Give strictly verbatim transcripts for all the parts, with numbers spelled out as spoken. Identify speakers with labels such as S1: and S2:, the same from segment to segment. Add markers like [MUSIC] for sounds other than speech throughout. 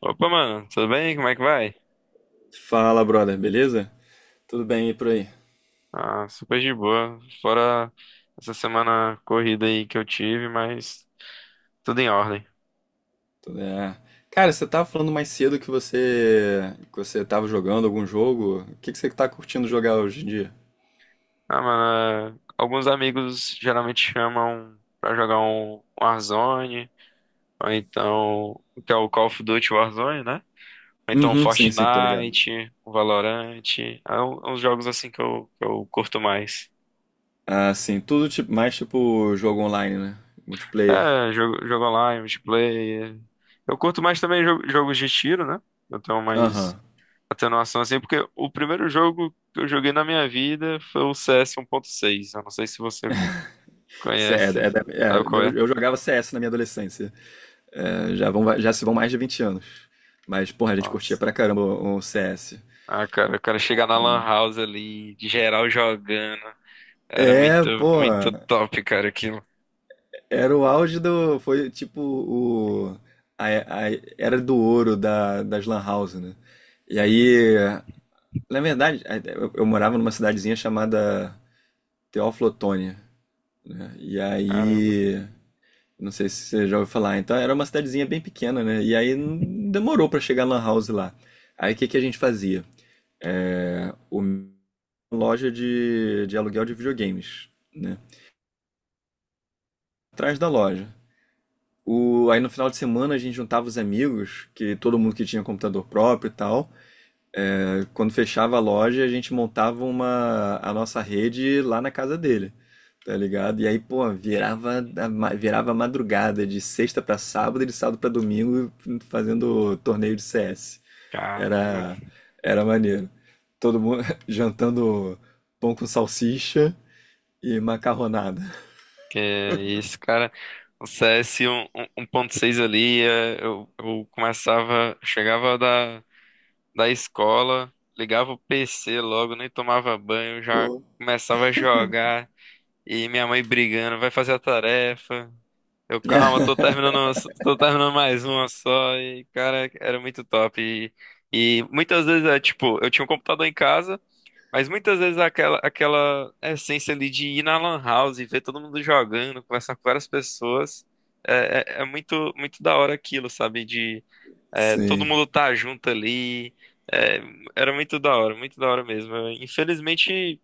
S1: Opa, mano, tudo bem? Como é que vai?
S2: Fala, brother, beleza? Tudo bem e por aí?
S1: Ah, super de boa. Fora essa semana corrida aí que eu tive, mas tudo em ordem.
S2: É, Cara, você tava falando mais cedo que você que você tava jogando algum jogo. O que que você tá curtindo jogar hoje em dia?
S1: Ah, mano, é, alguns amigos geralmente chamam pra jogar um Warzone, ou então, que é o Call of Duty Warzone, né? Ou então um
S2: Uhum, sim, sim, tô ligado.
S1: Fortnite, o Valorant, é um- uns jogos assim que eu, que eu curto mais.
S2: Ah, sim, tudo tipo, mais tipo jogo online, né? Multiplayer.
S1: É, jogo, jogo online, multiplayer. Eu curto mais também jo- jogos de tiro, né? Eu tenho mais
S2: Aham.
S1: atenuação assim, porque o primeiro jogo que eu joguei na minha vida foi o C S um ponto seis. Eu não sei se você
S2: Cê- É, é
S1: conhece,
S2: da- é,
S1: sabe qual é?
S2: eu, eu jogava C S na minha adolescência. É, já vão, já se vão mais de vinte anos. Mas, porra, a gente curtia
S1: Nossa.
S2: pra caramba o, o C S.
S1: Ah, cara, o cara chegar na Lan House ali, de geral jogando. Era
S2: É,
S1: muito,
S2: pô.
S1: muito top, cara, aquilo.
S2: Era o auge do. Foi tipo o. A, a era do ouro da, das Lan House, né? E aí. Na verdade, eu, eu morava numa cidadezinha chamada Teófilo Otoni, né? E
S1: Caramba.
S2: aí. Não sei se você já ouviu falar. Então era uma cidadezinha bem pequena, né? E aí não demorou pra chegar a Lan House lá. Aí o que que a gente fazia? É, o- uma loja de, de aluguel de videogames, né? Atrás da loja. O, aí no final de semana a gente juntava os amigos, que todo mundo que tinha computador próprio e tal. É, quando fechava a loja, a gente montava uma, a nossa rede lá na casa dele, tá ligado? E aí, pô,
S1: E,
S2: virava, a ma- virava a madrugada de sexta pra sábado e de sábado pra domingo fazendo torneio de C S.
S1: caramba.
S2: Era, era maneiro. Todo mundo [LAUGHS] jantando pão com salsicha e macarronada.
S1: Que é isso, cara. O C S um ponto seis ali, eh, eu, eu começava, chegava da da escola, ligava o P C logo, nem tomava banho, já
S2: Pô.
S1: começava a jogar. E minha mãe brigando, vai fazer a tarefa. Eu, calma, tô
S2: [LAUGHS]
S1: terminando, tô terminando mais uma só. E, cara, era muito top. E, e muitas vezes é tipo, eu tinha um computador em casa, mas muitas vezes aquela, aquela essência ali de ir na Lan House e ver todo mundo jogando, conversar com várias pessoas. É, é, é muito, muito da hora aquilo, sabe? É, todo
S2: Sim.
S1: mundo tá junto ali. É, era muito da hora, muito da hora mesmo. Eu, Infelizmente,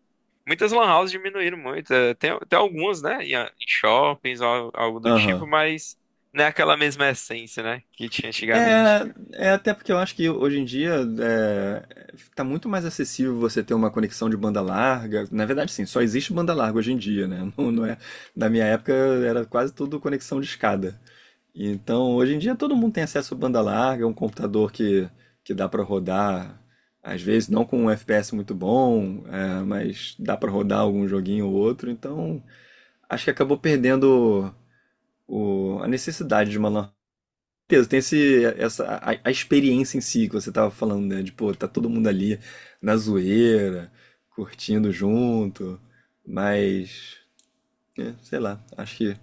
S1: muitas lan houses diminuíram muito. É, tem, tem algumas, né? Em, em shoppings, al- algo do
S2: Aham.
S1: tipo, mas não é aquela mesma essência, né? Que tinha
S2: É,
S1: antigamente.
S2: é até porque eu acho que hoje em dia é, tá muito mais acessível você ter uma conexão de banda larga. Na verdade, sim, só existe banda larga hoje em dia, né? Não, não é, na minha época era quase tudo conexão de escada. Então, hoje em dia todo mundo tem acesso a banda larga, um computador que, que dá pra rodar, às vezes não com um F P S muito bom, é, mas dá pra rodar algum joguinho ou outro. Então, acho que acabou perdendo o- a necessidade de uma lan certeza, tem esse, essa, a, a experiência em si que você tava falando, né? De, pô, tá todo mundo ali na zoeira, curtindo junto, mas, é, sei lá, acho que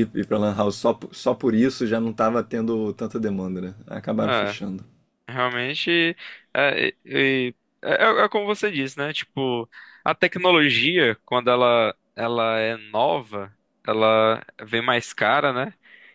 S2: ir, ir pra Lan House só, po- só por isso já não tava tendo tanta demanda, né? Acabaram fechando.
S1: Realmente, é, é, é- é como você disse, né? Tipo, a tecnologia, quando ela, ela é nova, ela vem mais cara, né?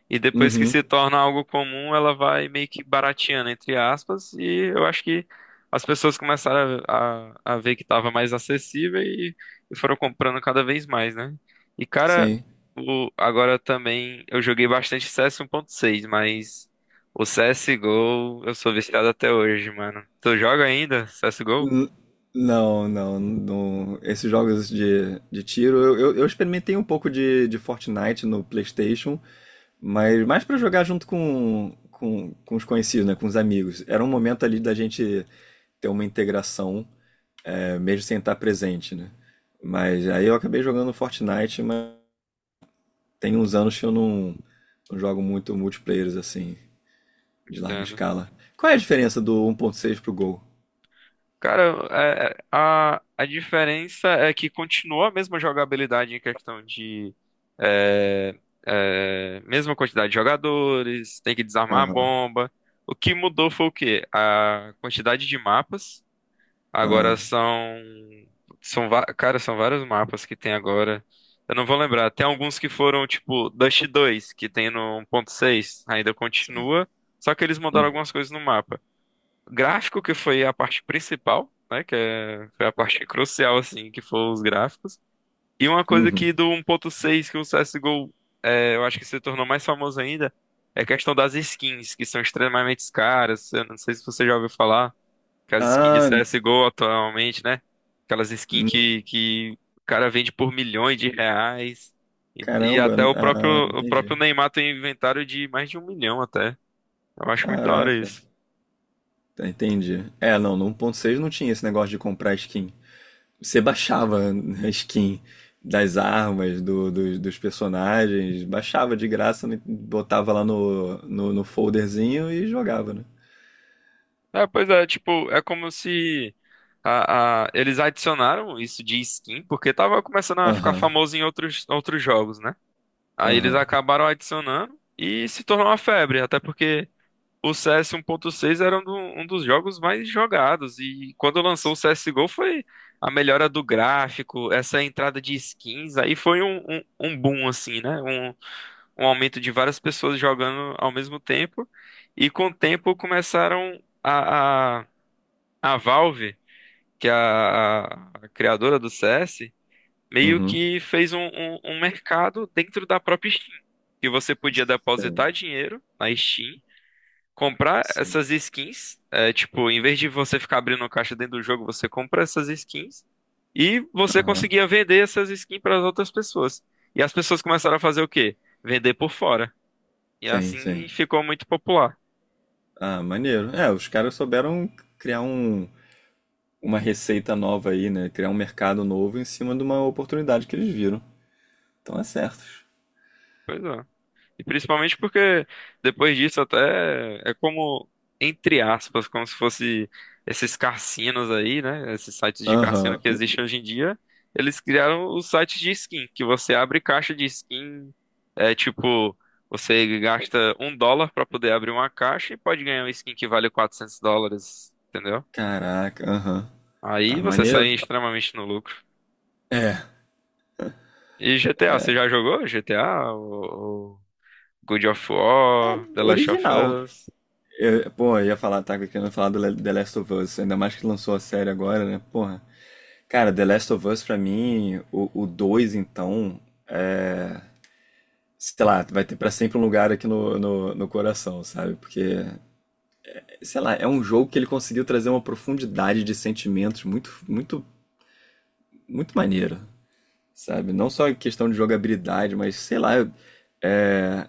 S1: E depois que
S2: Uhum,
S1: se torna algo comum, ela vai meio que barateando, entre aspas, e eu acho que as pessoas começaram a, a, a ver que estava mais acessível e, e foram comprando cada vez mais, né? E, cara,
S2: sim.
S1: o, agora também eu joguei bastante C S um ponto seis, mas. O C S G O, eu sou viciado até hoje, mano. Tu joga ainda C S G O?
S2: N- não, não, não. Esses jogos de, de tiro, eu, eu, eu experimentei um pouco de, de Fortnite no PlayStation. Mas mais pra jogar junto com, com, com os conhecidos, né? Com os amigos. Era um momento ali da gente ter uma integração, é, mesmo sem estar presente, né? Mas aí eu acabei jogando Fortnite, mas tem uns anos que eu não, não jogo muito multiplayers assim, de larga
S1: Entendo.
S2: escala. Qual é a diferença do um ponto seis pro Gol?
S1: Cara, é- é- a, a diferença é que continua a mesma jogabilidade em questão de é, é, mesma quantidade de jogadores, tem que desarmar a
S2: Aham.
S1: bomba. O que mudou foi o quê? A quantidade de mapas. Agora
S2: Ah,
S1: são são va- cara, são vários mapas que tem agora. Eu não vou lembrar. Tem alguns que foram tipo Dust dois, que tem no um ponto seis, ainda
S2: sim.
S1: continua, só que eles mudaram
S2: Uhum.
S1: algumas coisas no mapa. Gráfico que foi a parte principal, né, que é, foi a parte crucial assim, que foram os gráficos. E uma coisa
S2: Uhum.
S1: que do um ponto seis que o C S:G O é, eu acho que se tornou mais famoso ainda é a questão das skins, que são extremamente caras. Eu não sei se você já ouviu falar. Aquelas skins de
S2: Ah,
S1: C S G O atualmente, né? Aquelas skins que, que o cara vende por milhões de reais. E, e
S2: caramba.
S1: até o próprio,
S2: Ah,
S1: o
S2: entendi.
S1: próprio Neymar tem inventário de mais de um milhão até. Eu acho muito da hora
S2: Caraca.
S1: isso.
S2: Entendi. É, não, no um ponto seis não tinha esse negócio de comprar skin. Você baixava a skin das armas, do- dos, dos personagens, baixava de graça, né? Botava lá no, no, no folderzinho e jogava, né?
S1: É, pois é, tipo, é como se a, a- eles adicionaram isso de skin, porque tava começando a ficar
S2: Aham,
S1: famoso em outros, outros jogos, né? Aí eles
S2: aham.
S1: acabaram adicionando e se tornou uma febre, até porque. O C S um ponto seis era um, do- um dos jogos mais jogados, e quando lançou o C S G O foi a melhora do gráfico, essa entrada de skins, aí foi um, um, um boom, assim, né? Um, um aumento de várias pessoas jogando ao mesmo tempo, e com o tempo começaram a, a, a Valve, que é a, a- criadora do C S, meio
S2: Uhum.
S1: que fez um, um um mercado dentro da própria Steam, que você podia
S2: Sim,
S1: depositar dinheiro na Steam comprar essas
S2: sim.
S1: skins. É, tipo, em vez de você ficar abrindo caixa dentro do jogo, você compra essas skins e você
S2: Aham.
S1: conseguia vender essas skins para as outras pessoas. E as pessoas começaram a fazer o quê? Vender por fora. E
S2: Sim, sim.
S1: assim ficou muito popular.
S2: Ah, maneiro. É, os caras souberam criar um, uma receita nova aí, né? Criar um mercado novo em cima de uma oportunidade que eles viram. Então é certo.
S1: Pois é. E principalmente porque depois disso até é como, entre aspas, como se fosse esses cassinos aí, né? Esses sites de cassino
S2: Aham.
S1: que existem hoje em dia. Eles criaram os sites de skin, que você abre caixa de skin, é tipo, você gasta um dólar pra poder abrir uma caixa e pode ganhar uma skin que vale quatrocentos dólares, entendeu?
S2: Caraca, aham. Ah,
S1: Aí você sai
S2: maneiro.
S1: extremamente no lucro.
S2: É.
S1: E G T A, você já jogou G T A? O, o God of War, The Last of
S2: Original.
S1: Us?
S2: Eu, pô, eu ia falar, tá querendo falar do Le- The Last of Us, ainda mais que lançou a série agora, né? Porra. Cara, The Last of Us, pra mim, o, o dois então, sei lá, vai ter pra sempre um lugar aqui no, no, no coração, sabe? Porque, sei lá, é um jogo que ele conseguiu trazer uma profundidade de sentimentos muito, muito, muito maneira, sabe? Não só em questão de jogabilidade, mas sei lá, é,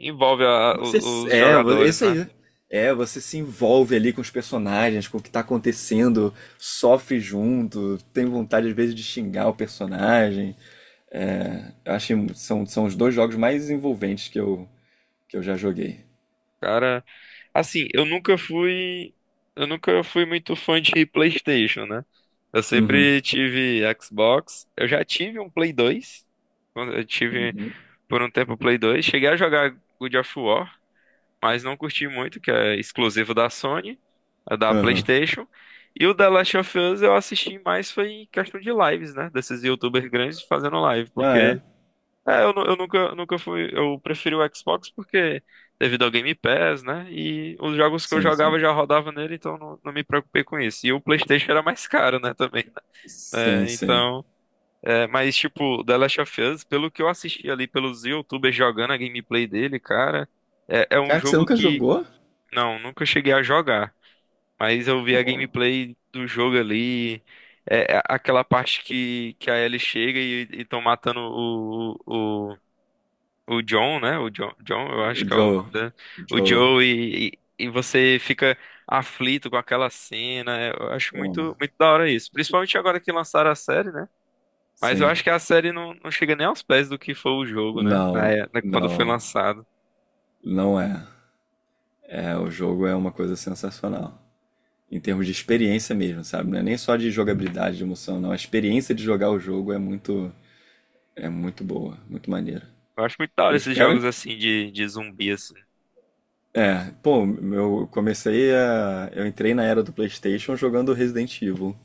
S1: Envolve a-
S2: Você,
S1: o- os
S2: é, vo- é
S1: jogadores,
S2: isso aí,
S1: né?
S2: né? É, você se envolve ali com os personagens, com o que tá acontecendo, sofre junto, tem vontade às vezes de xingar o personagem. É, eu acho que são, são os dois jogos mais envolventes que eu, que eu já joguei.
S1: Cara, assim, eu nunca fui, eu nunca fui muito fã de PlayStation, né? Eu
S2: Uhum.
S1: sempre tive Xbox, eu já tive um Play dois, quando eu tive
S2: Uhum.
S1: por um tempo o Play dois, cheguei a jogar God of War, mas não curti muito, que é exclusivo da Sony, é da
S2: Aham.
S1: PlayStation. E o The Last of Us eu assisti mais foi em questão de lives, né? Desses YouTubers grandes fazendo live,
S2: Ah,
S1: porque
S2: é?
S1: É, eu, nu- eu nunca, nunca fui. Eu preferi o Xbox porque devido ao Game Pass, né? E os jogos que eu
S2: Sim,
S1: jogava
S2: sim.
S1: já rodava nele, então não, não me preocupei com isso. E o PlayStation era mais caro, né? Também, né?
S2: Sim,
S1: É,
S2: sim.
S1: então. É, mas, tipo, The Last of Us, pelo que eu assisti ali pelos YouTubers jogando a gameplay dele, cara, é, é um
S2: Cara, que você
S1: jogo
S2: nunca
S1: que.
S2: jogou?
S1: Não, nunca cheguei a jogar. Mas eu vi a
S2: Pô,
S1: gameplay do jogo ali. É, é aquela parte que, que a Ellie chega e estão matando o, o, o John, né? O John, John, eu acho que é o nome
S2: Joe.
S1: dele. O
S2: Joe.
S1: Joe e, e, e você fica aflito com aquela cena. É, Eu acho
S2: Pô, né?
S1: muito, muito da hora isso. Principalmente agora que lançaram a série, né? Mas eu
S2: Sim.
S1: acho que a série não, não chega nem aos pés do que foi o jogo, né? Na,
S2: Não,
S1: é- na- quando foi
S2: não.
S1: lançado.
S2: Não é. É, o jogo é uma coisa sensacional. Em termos de experiência mesmo, sabe? Não é nem só de jogabilidade, de emoção, não. A experiência de jogar o jogo é muito, é muito boa, muito maneira.
S1: Eu acho muito da hora
S2: Eu
S1: esses
S2: espero.
S1: jogos assim de, de zumbi, assim.
S2: É, pô, eu comecei a. Eu entrei na era do PlayStation jogando Resident Evil.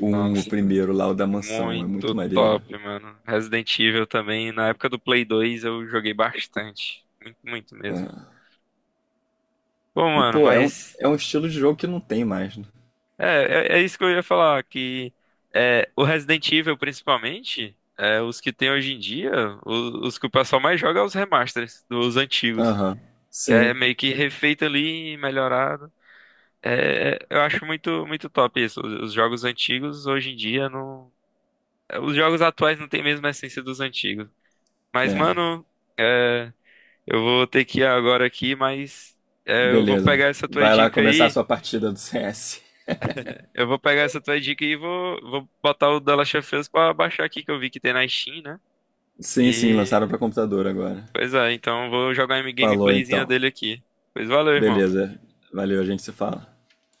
S2: Um, o
S1: Nossa,
S2: primeiro lá, o da mansão. É muito
S1: muito
S2: maneiro.
S1: top, mano. Resident Evil também. Na época do Play dois eu joguei bastante. Muito, muito mesmo.
S2: É.
S1: Bom,
S2: E,
S1: mano,
S2: pô, é um,
S1: mas.
S2: é um estilo de jogo que não tem mais, né?
S1: É, é, é isso que eu ia falar, que é, o Resident Evil, principalmente, é, os que tem hoje em dia, o- os, que o pessoal mais joga é os remasters dos antigos,
S2: Aham.
S1: que é
S2: Sim.
S1: meio que refeito ali, melhorado. É, é, eu acho muito, muito top isso. Os, os jogos antigos, hoje em dia, não... é, Os jogos atuais não têm mesmo a essência dos antigos. Mas,
S2: É.
S1: mano, é, eu vou ter que ir agora aqui, mas é, eu vou
S2: Beleza.
S1: pegar essa tua
S2: Vai lá
S1: dica
S2: começar a
S1: aí.
S2: sua partida do [LAUGHS] C S.
S1: Eu vou pegar essa tua dica e vou, vou botar o The Last of Us pra baixar aqui, que eu vi que tem na Steam, né?
S2: Sim, sim,
S1: E,
S2: lançaram pra computador agora.
S1: pois é, então eu vou jogar uma
S2: Falou
S1: gameplayzinha
S2: então.
S1: dele aqui. Pois valeu, irmão.
S2: Beleza. Valeu, a gente se fala.